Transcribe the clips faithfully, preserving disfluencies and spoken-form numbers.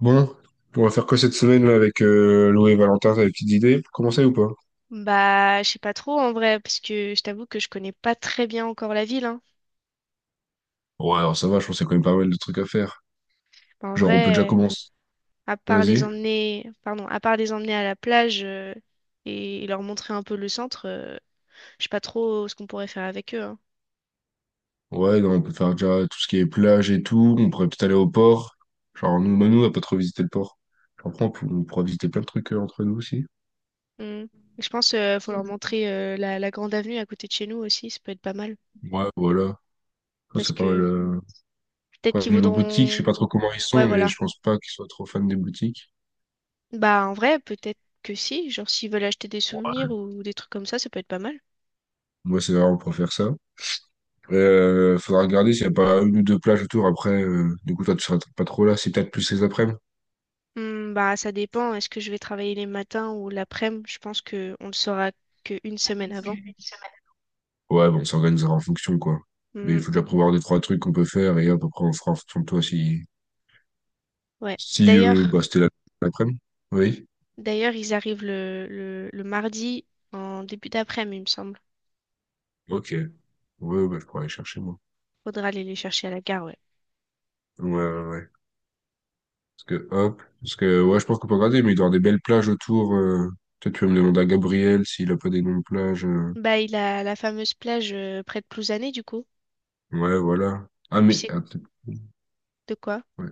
Bon, on va faire quoi cette semaine là avec euh, Lou et Valentin? T'as des petites idées pour commencer ou pas? Bah, je sais pas trop en vrai, parce que je t'avoue que je connais pas très bien encore la ville, hein. Ouais, alors ça va, je pense qu'il y a quand même pas mal de trucs à faire. Bah, en Genre, on peut déjà vrai, commencer. à part les Vas-y. emmener, pardon, à part les emmener à la plage euh, et leur montrer un peu le centre, euh, je sais pas trop ce qu'on pourrait faire avec eux, hein. Ouais, non, on peut faire déjà tout ce qui est plage et tout. On pourrait peut-être aller au port. Genre, nous, Manu, on va pas trop visiter le port. Après, on, peut- on pourra visiter plein de trucs euh, entre nous aussi. Mm. Je pense euh, faut leur montrer euh, la, la grande avenue à côté de chez nous aussi, ça peut être pas mal, Ouais, voilà. Ça, parce c'est pas mal. que euh. peut-être Ouais, qu'ils niveau boutique, je sais voudront, pas trop comment ils ouais sont, mais voilà. je pense pas qu'ils soient trop fans des boutiques. Bah en vrai, peut-être que si, genre s'ils veulent acheter des souvenirs ou des trucs comme ça, ça peut être pas mal. Moi, c'est vrai, on pourrait faire ça. Euh, faudra regarder s'il n'y a pas une ou deux plages autour. Après, euh, du coup, toi, tu seras pas trop là. C'est peut-être plus les après-midi. Hmm, bah, ça dépend. Est-ce que je vais travailler les matins ou l'après-midi? Je pense que on le saura qu'une semaine avant. Ouais, bon, on s'organisera en fonction, quoi. Mais il Hmm, faut déjà prévoir deux, trois trucs qu'on peut faire et hop, après, on fera en fonction de toi si, ouais. si euh, D'ailleurs, bah, c'était la- l'après-midi. Oui. d'ailleurs, ils arrivent le, le, le mardi en début d'après-midi, il me semble. Ok. Ouais, bah, je pourrais aller chercher, moi. Faudra aller les chercher à la gare, ouais. Ouais, ouais, ouais. Parce que, hop. Parce que, ouais, je pense qu'on peut regarder, mais il doit y avoir des belles plages autour. euh. Peut-être tu vas me demander à Gabriel s'il a pas des noms de plages. euh. Bah, il a la fameuse plage euh, près de Plouzané, du coup. Ouais, voilà. Ah, Et puis mais, c'est attends, de quoi? ouais.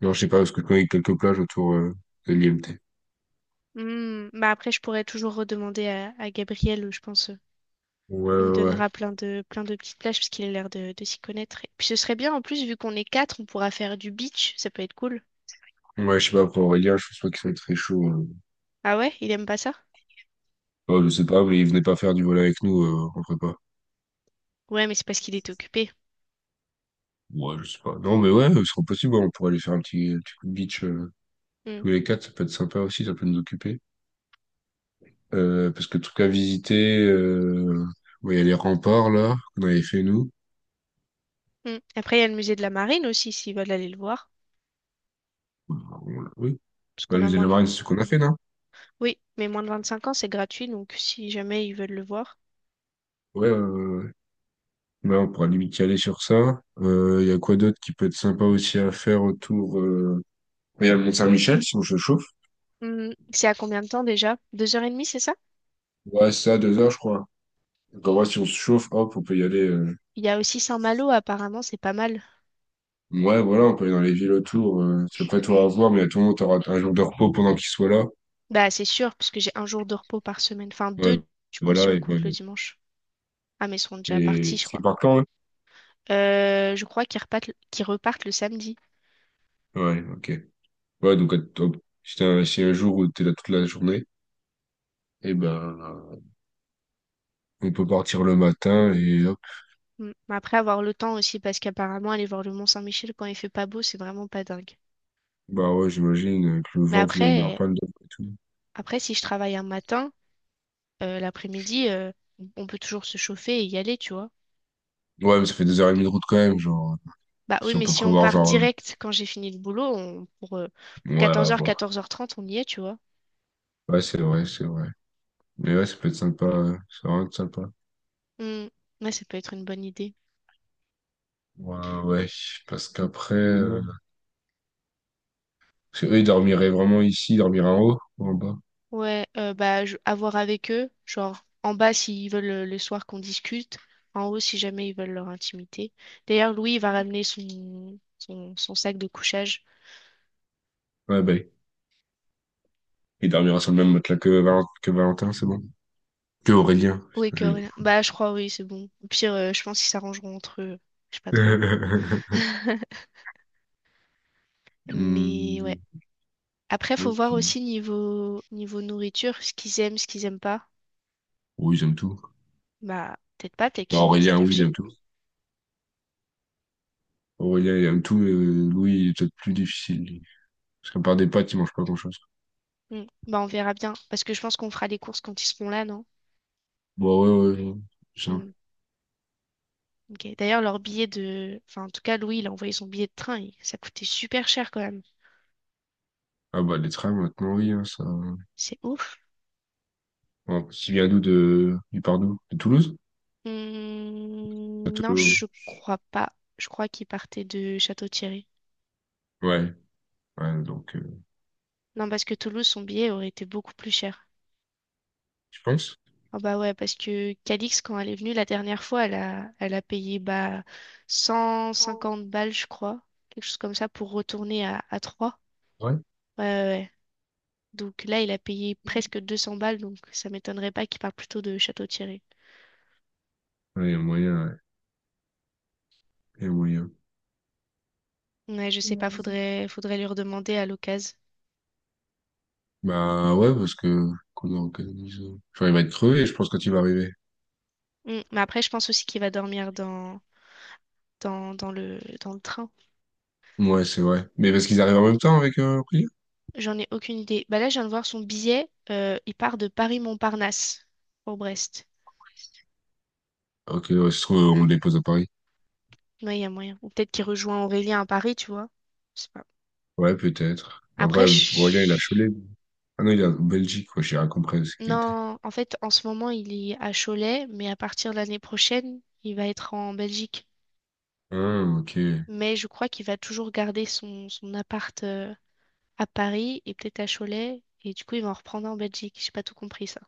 Non, je sais pas, parce que je connais quelques plages autour euh, de l'I M T. Hmm, bah après, je pourrais toujours redemander à, à Gabriel, je pense. euh, Ouais, Il me ouais, donnera plein de, plein de petites plages parce qu'il a l'air de, de s'y connaître. Et puis ce serait bien, en plus, vu qu'on est quatre, on pourra faire du beach. Ça peut être cool. ouais. Ouais, je sais pas, pour Aurélien, je pense pas qu'il soit très chaud. euh. Ah ouais, il aime pas ça? Oh, je sais pas, mais il venait pas faire du vol avec nous euh, en prépa. Ouais, mais c'est parce qu'il est occupé. Ouais, je sais pas. Non, mais ouais, ce serait possible, ouais, on pourrait aller faire un petit, un petit coup de beach euh, Hmm, tous les quatre, ça peut être sympa aussi, ça peut nous occuper. Euh, parce que truc à visiter, euh... ouais, il y a les remparts, là, qu'on avait fait, nous. hmm. Après, il y a le musée de la Marine aussi, s'ils veulent aller le voir. On l'a- Oui. Parce Bah, qu'on le a musée de moins la de... Marine, c'est ce qu'on a fait, non? Oui, mais moins de vingt-cinq ans, c'est gratuit, donc si jamais ils veulent le voir. Ouais, ouais, ouais, ouais. Ouais, on pourra limite y aller sur ça. Euh, Il y a quoi d'autre qui peut être sympa aussi à faire autour... Euh... Il y a le Mont-Saint-Michel, si on se chauffe. Hmm, c'est à combien de temps déjà? Deux heures et demie, c'est ça? Ouais, c'est ça, deux heures, je crois. Genre, ouais, Mm. si on se chauffe, hop, on peut y aller. euh. Il y a aussi Saint-Malo, apparemment, c'est pas mal. Ouais, voilà, on peut aller dans les villes autour. euh. Parce qu'après, toi, Mm. à voir, mais à tout le monde, t'auras un jour de repos pendant qu'il soit là. Bah, c'est sûr, parce que j'ai un jour de repos par semaine. Enfin, deux, Ouais, du coup, si voilà. on Et, compte ouais. le dimanche. Ah, mais ils seront déjà Et... partis, je parce qu'il crois. part quand, hein? Euh, je crois qu'ils repartent, qu'ils repartent le samedi. Ouais, ok. Ouais, donc, à- hop, si t'as un... si un jour où t'es là toute la journée, et ben, euh, on peut partir le matin et hop. Mm. Mais après avoir le temps aussi, parce qu'apparemment aller voir le Mont-Saint-Michel quand il fait pas beau, c'est vraiment pas dingue. Bah ouais, j'imagine euh, que le Mais vent, qu'il doit y avoir après, plein de dents et tout. après si je travaille un matin, euh, l'après-midi, euh, on peut toujours se chauffer et y aller, tu vois. Ouais, mais ça fait deux heures et demie de route quand même, genre. Bah oui, Si on mais peut si on prévoir, part genre, direct quand j'ai fini le boulot, on- pour, euh, euh, pour ouais, à quatorze heures, voir. quatorze heures trente, on y est, tu vois. Ouais, c'est vrai, c'est vrai. Mais ouais, ça peut être sympa. euh, Ça va être sympa. Mm. Ouais, ça peut être une bonne idée. Ouais, ouais, parce qu'après, euh, parce que eux, ils dormiraient vraiment ici, ils dormiraient en haut ou en bas. Ouais, euh, bah je- à voir avec eux, genre en bas s'ils veulent euh, le soir qu'on discute, en haut si jamais ils veulent leur intimité. D'ailleurs, Louis il va ramener son, son, son sac de couchage. Ouais, bah, ils dormiraient sur le même matelas que, Val- que Valentin, c'est bon. Que Aurélien, putain, Oui, j'avais Corinne. quoi. Bah, je crois, oui, c'est bon. Au pire, euh, je pense qu'ils s'arrangeront entre eux. Je sais pas trop. Mais ouais. Hmm, Après, faut ok. voir aussi niveau, niveau nourriture, ce qu'ils aiment, ce qu'ils aiment pas. Oui, ils aiment tout. Bah, peut-être pas, peut-être Bah, qu'ils ont des Aurélien, oui, il aime allergies. tout. Aurélien, il aime tout, mais euh, Louis, il est peut-être plus difficile, lui. Parce qu'à part des pâtes, il mange pas grand-chose. Hmm. Bah, on verra bien. Parce que je pense qu'on fera les courses quand ils seront là, non? Bon, ouais, ouais, ça. Hmm. Ok. D'ailleurs, leur billet de. Enfin, en tout cas, Louis, il a envoyé son billet de train. Il- Ça coûtait super cher quand même. Ah bah, les trains, maintenant, oui, hein, ça... C'est ouf. Bon, il vient d'où, de... il part d'où? De Toulouse? De Hmm, non, Toulouse. je crois pas. Je crois qu'il partait de Château-Thierry. Ouais, ouais, donc, euh, Non, parce que Toulouse, son billet aurait été beaucoup plus cher. tu penses? Ah bah ouais, parce que Calix, quand elle est venue la dernière fois, elle a, elle a payé bah, cent cinquante balles, je crois, quelque chose comme ça, pour retourner à, à Troyes. Ouais, ouais, ouais. Donc là, il a payé presque deux cents balles, donc ça m'étonnerait pas qu'il parle plutôt de Château-Thierry. Ouais, il y a moyen, ouais. Il y a moyen. Ouais, je sais pas, faudrait, faudrait lui redemander à l'occasion. Bah ouais, parce que qu'on organise. euh, Enfin, il va être crevé, je pense, quand il va arriver. Hmm, mais après, je pense aussi qu'il va dormir dans, dans, dans le, dans le train. Ouais, c'est vrai. Mais parce qu'ils arrivent en même temps avec euh, Aurélien? J'en ai aucune idée. Bah là, je viens de voir son billet, euh, il part de Paris-Montparnasse pour Brest. Ok, ouais, se trouve, on le dépose à Paris. Ouais, il y a moyen. Ou peut-être qu'il rejoint Aurélien à Paris, tu vois. Je sais pas. Ouais, peut-être. Après, Après, Aurélien, il a je- Cholet. Ah non, il est en Belgique, quoi, j'ai rien compris de ce qu'il était. non, en fait, en ce moment, il est à Cholet, mais à partir de l'année prochaine, il va être en Belgique. Ah, ok. Mais je crois qu'il va toujours garder son, son appart euh, à Paris et peut-être à Cholet. Et du coup, il va en reprendre en Belgique. J'ai pas tout compris ça.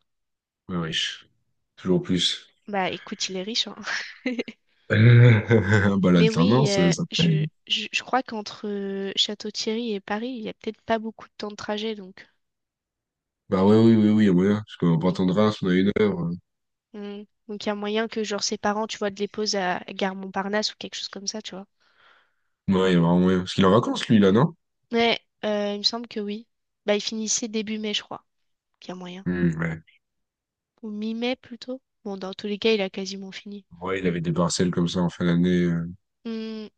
Ouais, riche. Toujours plus. Bah écoute, il est riche, hein. Bah, Mais oui, l'alternance, euh, euh, ça paye. je, je, je crois qu'entre euh, Château-Thierry et Paris, il y a peut-être pas beaucoup de temps de trajet, donc Bah ouais, oui, oui, oui, il y a moyen. Parce qu'on va pas on attendre si on a une heure. euh. Mm. Donc, il y a moyen que, genre, ses parents, tu vois, de les pose à à Gare Montparnasse ou quelque chose comme ça, tu vois. Ouais, il y a vraiment moyen. Parce qu'il est en vacances, lui, là, non? Mais euh, il me semble que oui. Bah, il finissait début mai, je crois, qu'il y a moyen. Hmm, ouais. Ou mi-mai, plutôt. Bon, dans tous les cas, il a quasiment fini. Ouais, il avait des partiels comme ça en fin d'année. euh. Mm.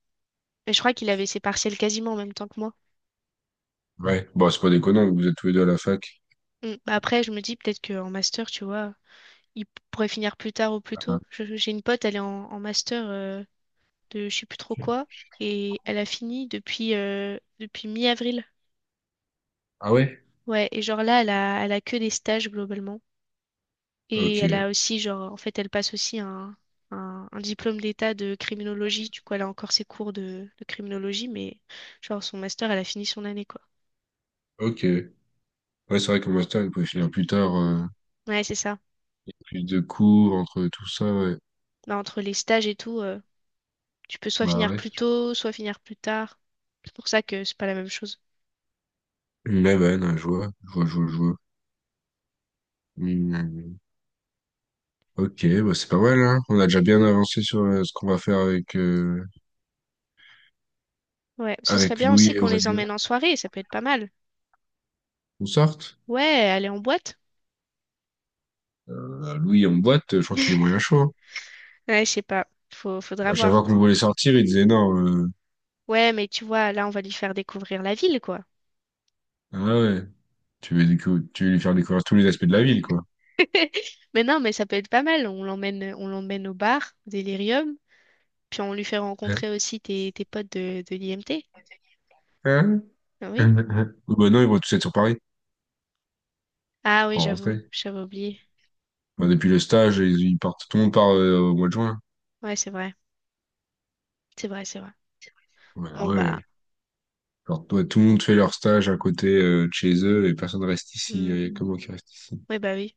Mais je crois qu'il avait ses partiels quasiment en même temps que moi. Ouais, bon, c'est pas déconnant, vous êtes tous les deux à la fac. Mm. Bah, après, je me dis peut-être qu'en master, tu vois, il p- pourrait finir plus tard ou plus Ah. tôt. Je- J'ai une pote, elle est en, en master euh, de je sais plus trop quoi. Et elle a fini depuis, euh, depuis mi-avril. Ah ouais? Ouais, et genre là, elle a, elle a que des stages globalement. Et Ok, elle a aussi, genre, en fait, elle passe aussi un, un, un diplôme d'état de criminologie. Du coup, elle a encore ses cours de, de criminologie, mais genre, son master, elle a fini son année, quoi. ok. Ouais, c'est vrai qu'en master, il pouvait finir plus tard, euh, Ouais, c'est ça. plus de cours, entre tout ça, ouais. Bah, entre les stages et tout, euh, tu peux soit Bah finir ouais. plus tôt, soit finir plus tard. C'est pour ça que c'est pas la même chose. Mais ouais, non, je vois, je vois, je vois, je vois. Hmm, ok, bah c'est pas mal, hein. On a déjà bien avancé sur euh, ce qu'on va faire avec, euh, Ouais, ce serait avec bien Louis aussi et qu'on les Aurélien. emmène en soirée, ça peut être pas mal. On sorte? Ouais, aller en boîte. Euh, Louis en boîte, euh, je crois qu'il est moyen chaud, hein. Ouais, je sais pas, faut, faudra À chaque voir. fois qu'on voulait sortir, il disait non. euh, Ouais, mais tu vois, là, on va lui faire découvrir la ville, quoi. Ah ouais, tu veux, décou- tu veux lui faire découvrir tous les aspects de la ville, quoi. Mais non, mais ça peut être pas mal. On l'emmène, on l'emmène au bar, au Délirium. Puis on lui fait Hein? rencontrer aussi tes, tes potes de, de l'I M T. Ah Oui. oui. Bah non, ils vont tous être sur Paris Ah oui, en j'avoue, rentrée. j'avais oublié. Bah, depuis le stage, ils, ils partent, tout le monde part euh, au mois de juin. Ouais, c'est vrai. C'est vrai, c'est vrai. Ouais, bah, Bon bah. ouais. Alors, toi, tout le monde fait leur stage à côté euh, de chez eux et personne reste ici. Hmm. Euh, Comment qui reste ici? Ouais, bah oui.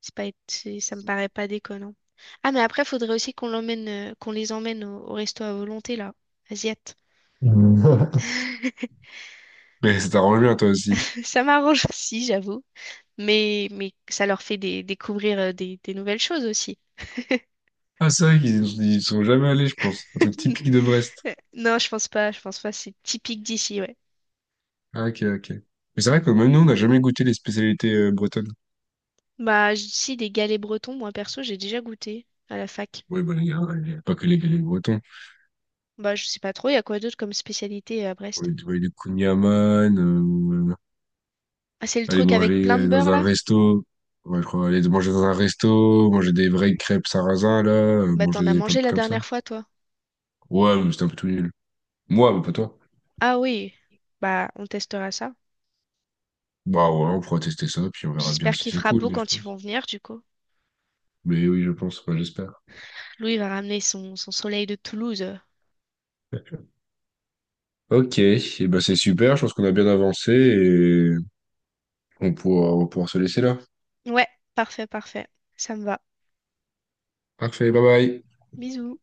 C'est pas, c'est- ça me paraît pas déconnant. Ah mais après, faudrait aussi qu'on l'emmène, euh, qu'on les emmène au, au resto à volonté, là. Asiate. Mm. Mais ça t'arrange bien, toi aussi. Ça m'arrange aussi, j'avoue. Mais, mais ça leur fait des- découvrir euh, des, des nouvelles choses aussi. Ah, c'est vrai qu'ils ils sont jamais allés, je pense. Un truc typique de Brest. Non, je pense pas, je pense pas, c'est typique d'ici, ouais. Ah, ok, ok. Mais c'est vrai que même nous, on n'a jamais goûté les spécialités euh, bretonnes. Bah, j- si, des galets bretons, moi perso, j'ai déjà goûté à la fac. Oui, bah, les gars il y a pas que les, les Bretons. Bah, je sais pas trop, il y a quoi d'autre comme spécialité à On a Brest? des, ouais, des kouign-amann, Ah, c'est le aller truc avec plein de manger dans beurre un là? resto, ouais, je crois, aller manger dans un resto, manger des vraies crêpes sarrasin, là, euh, Bah, manger t'en as des plein de mangé trucs la comme ça. dernière fois, toi. Ouais, mais c'était un peu tout nul. Moi, mais pas toi. Ah oui, bah, on testera ça. Bah ouais, on pourra tester ça, puis on verra bien J'espère si qu'il c'est fera cool, beau mais je quand ils vont pense. venir, du coup. Mais oui, je pense, enfin, j'espère. Louis va ramener son, son soleil de Toulouse. Ok, et bah c'est super, je pense qu'on a bien avancé et on pourra, on pourra se laisser là. Ouais, parfait, parfait. Ça me va. Parfait, bye bye. Bisous.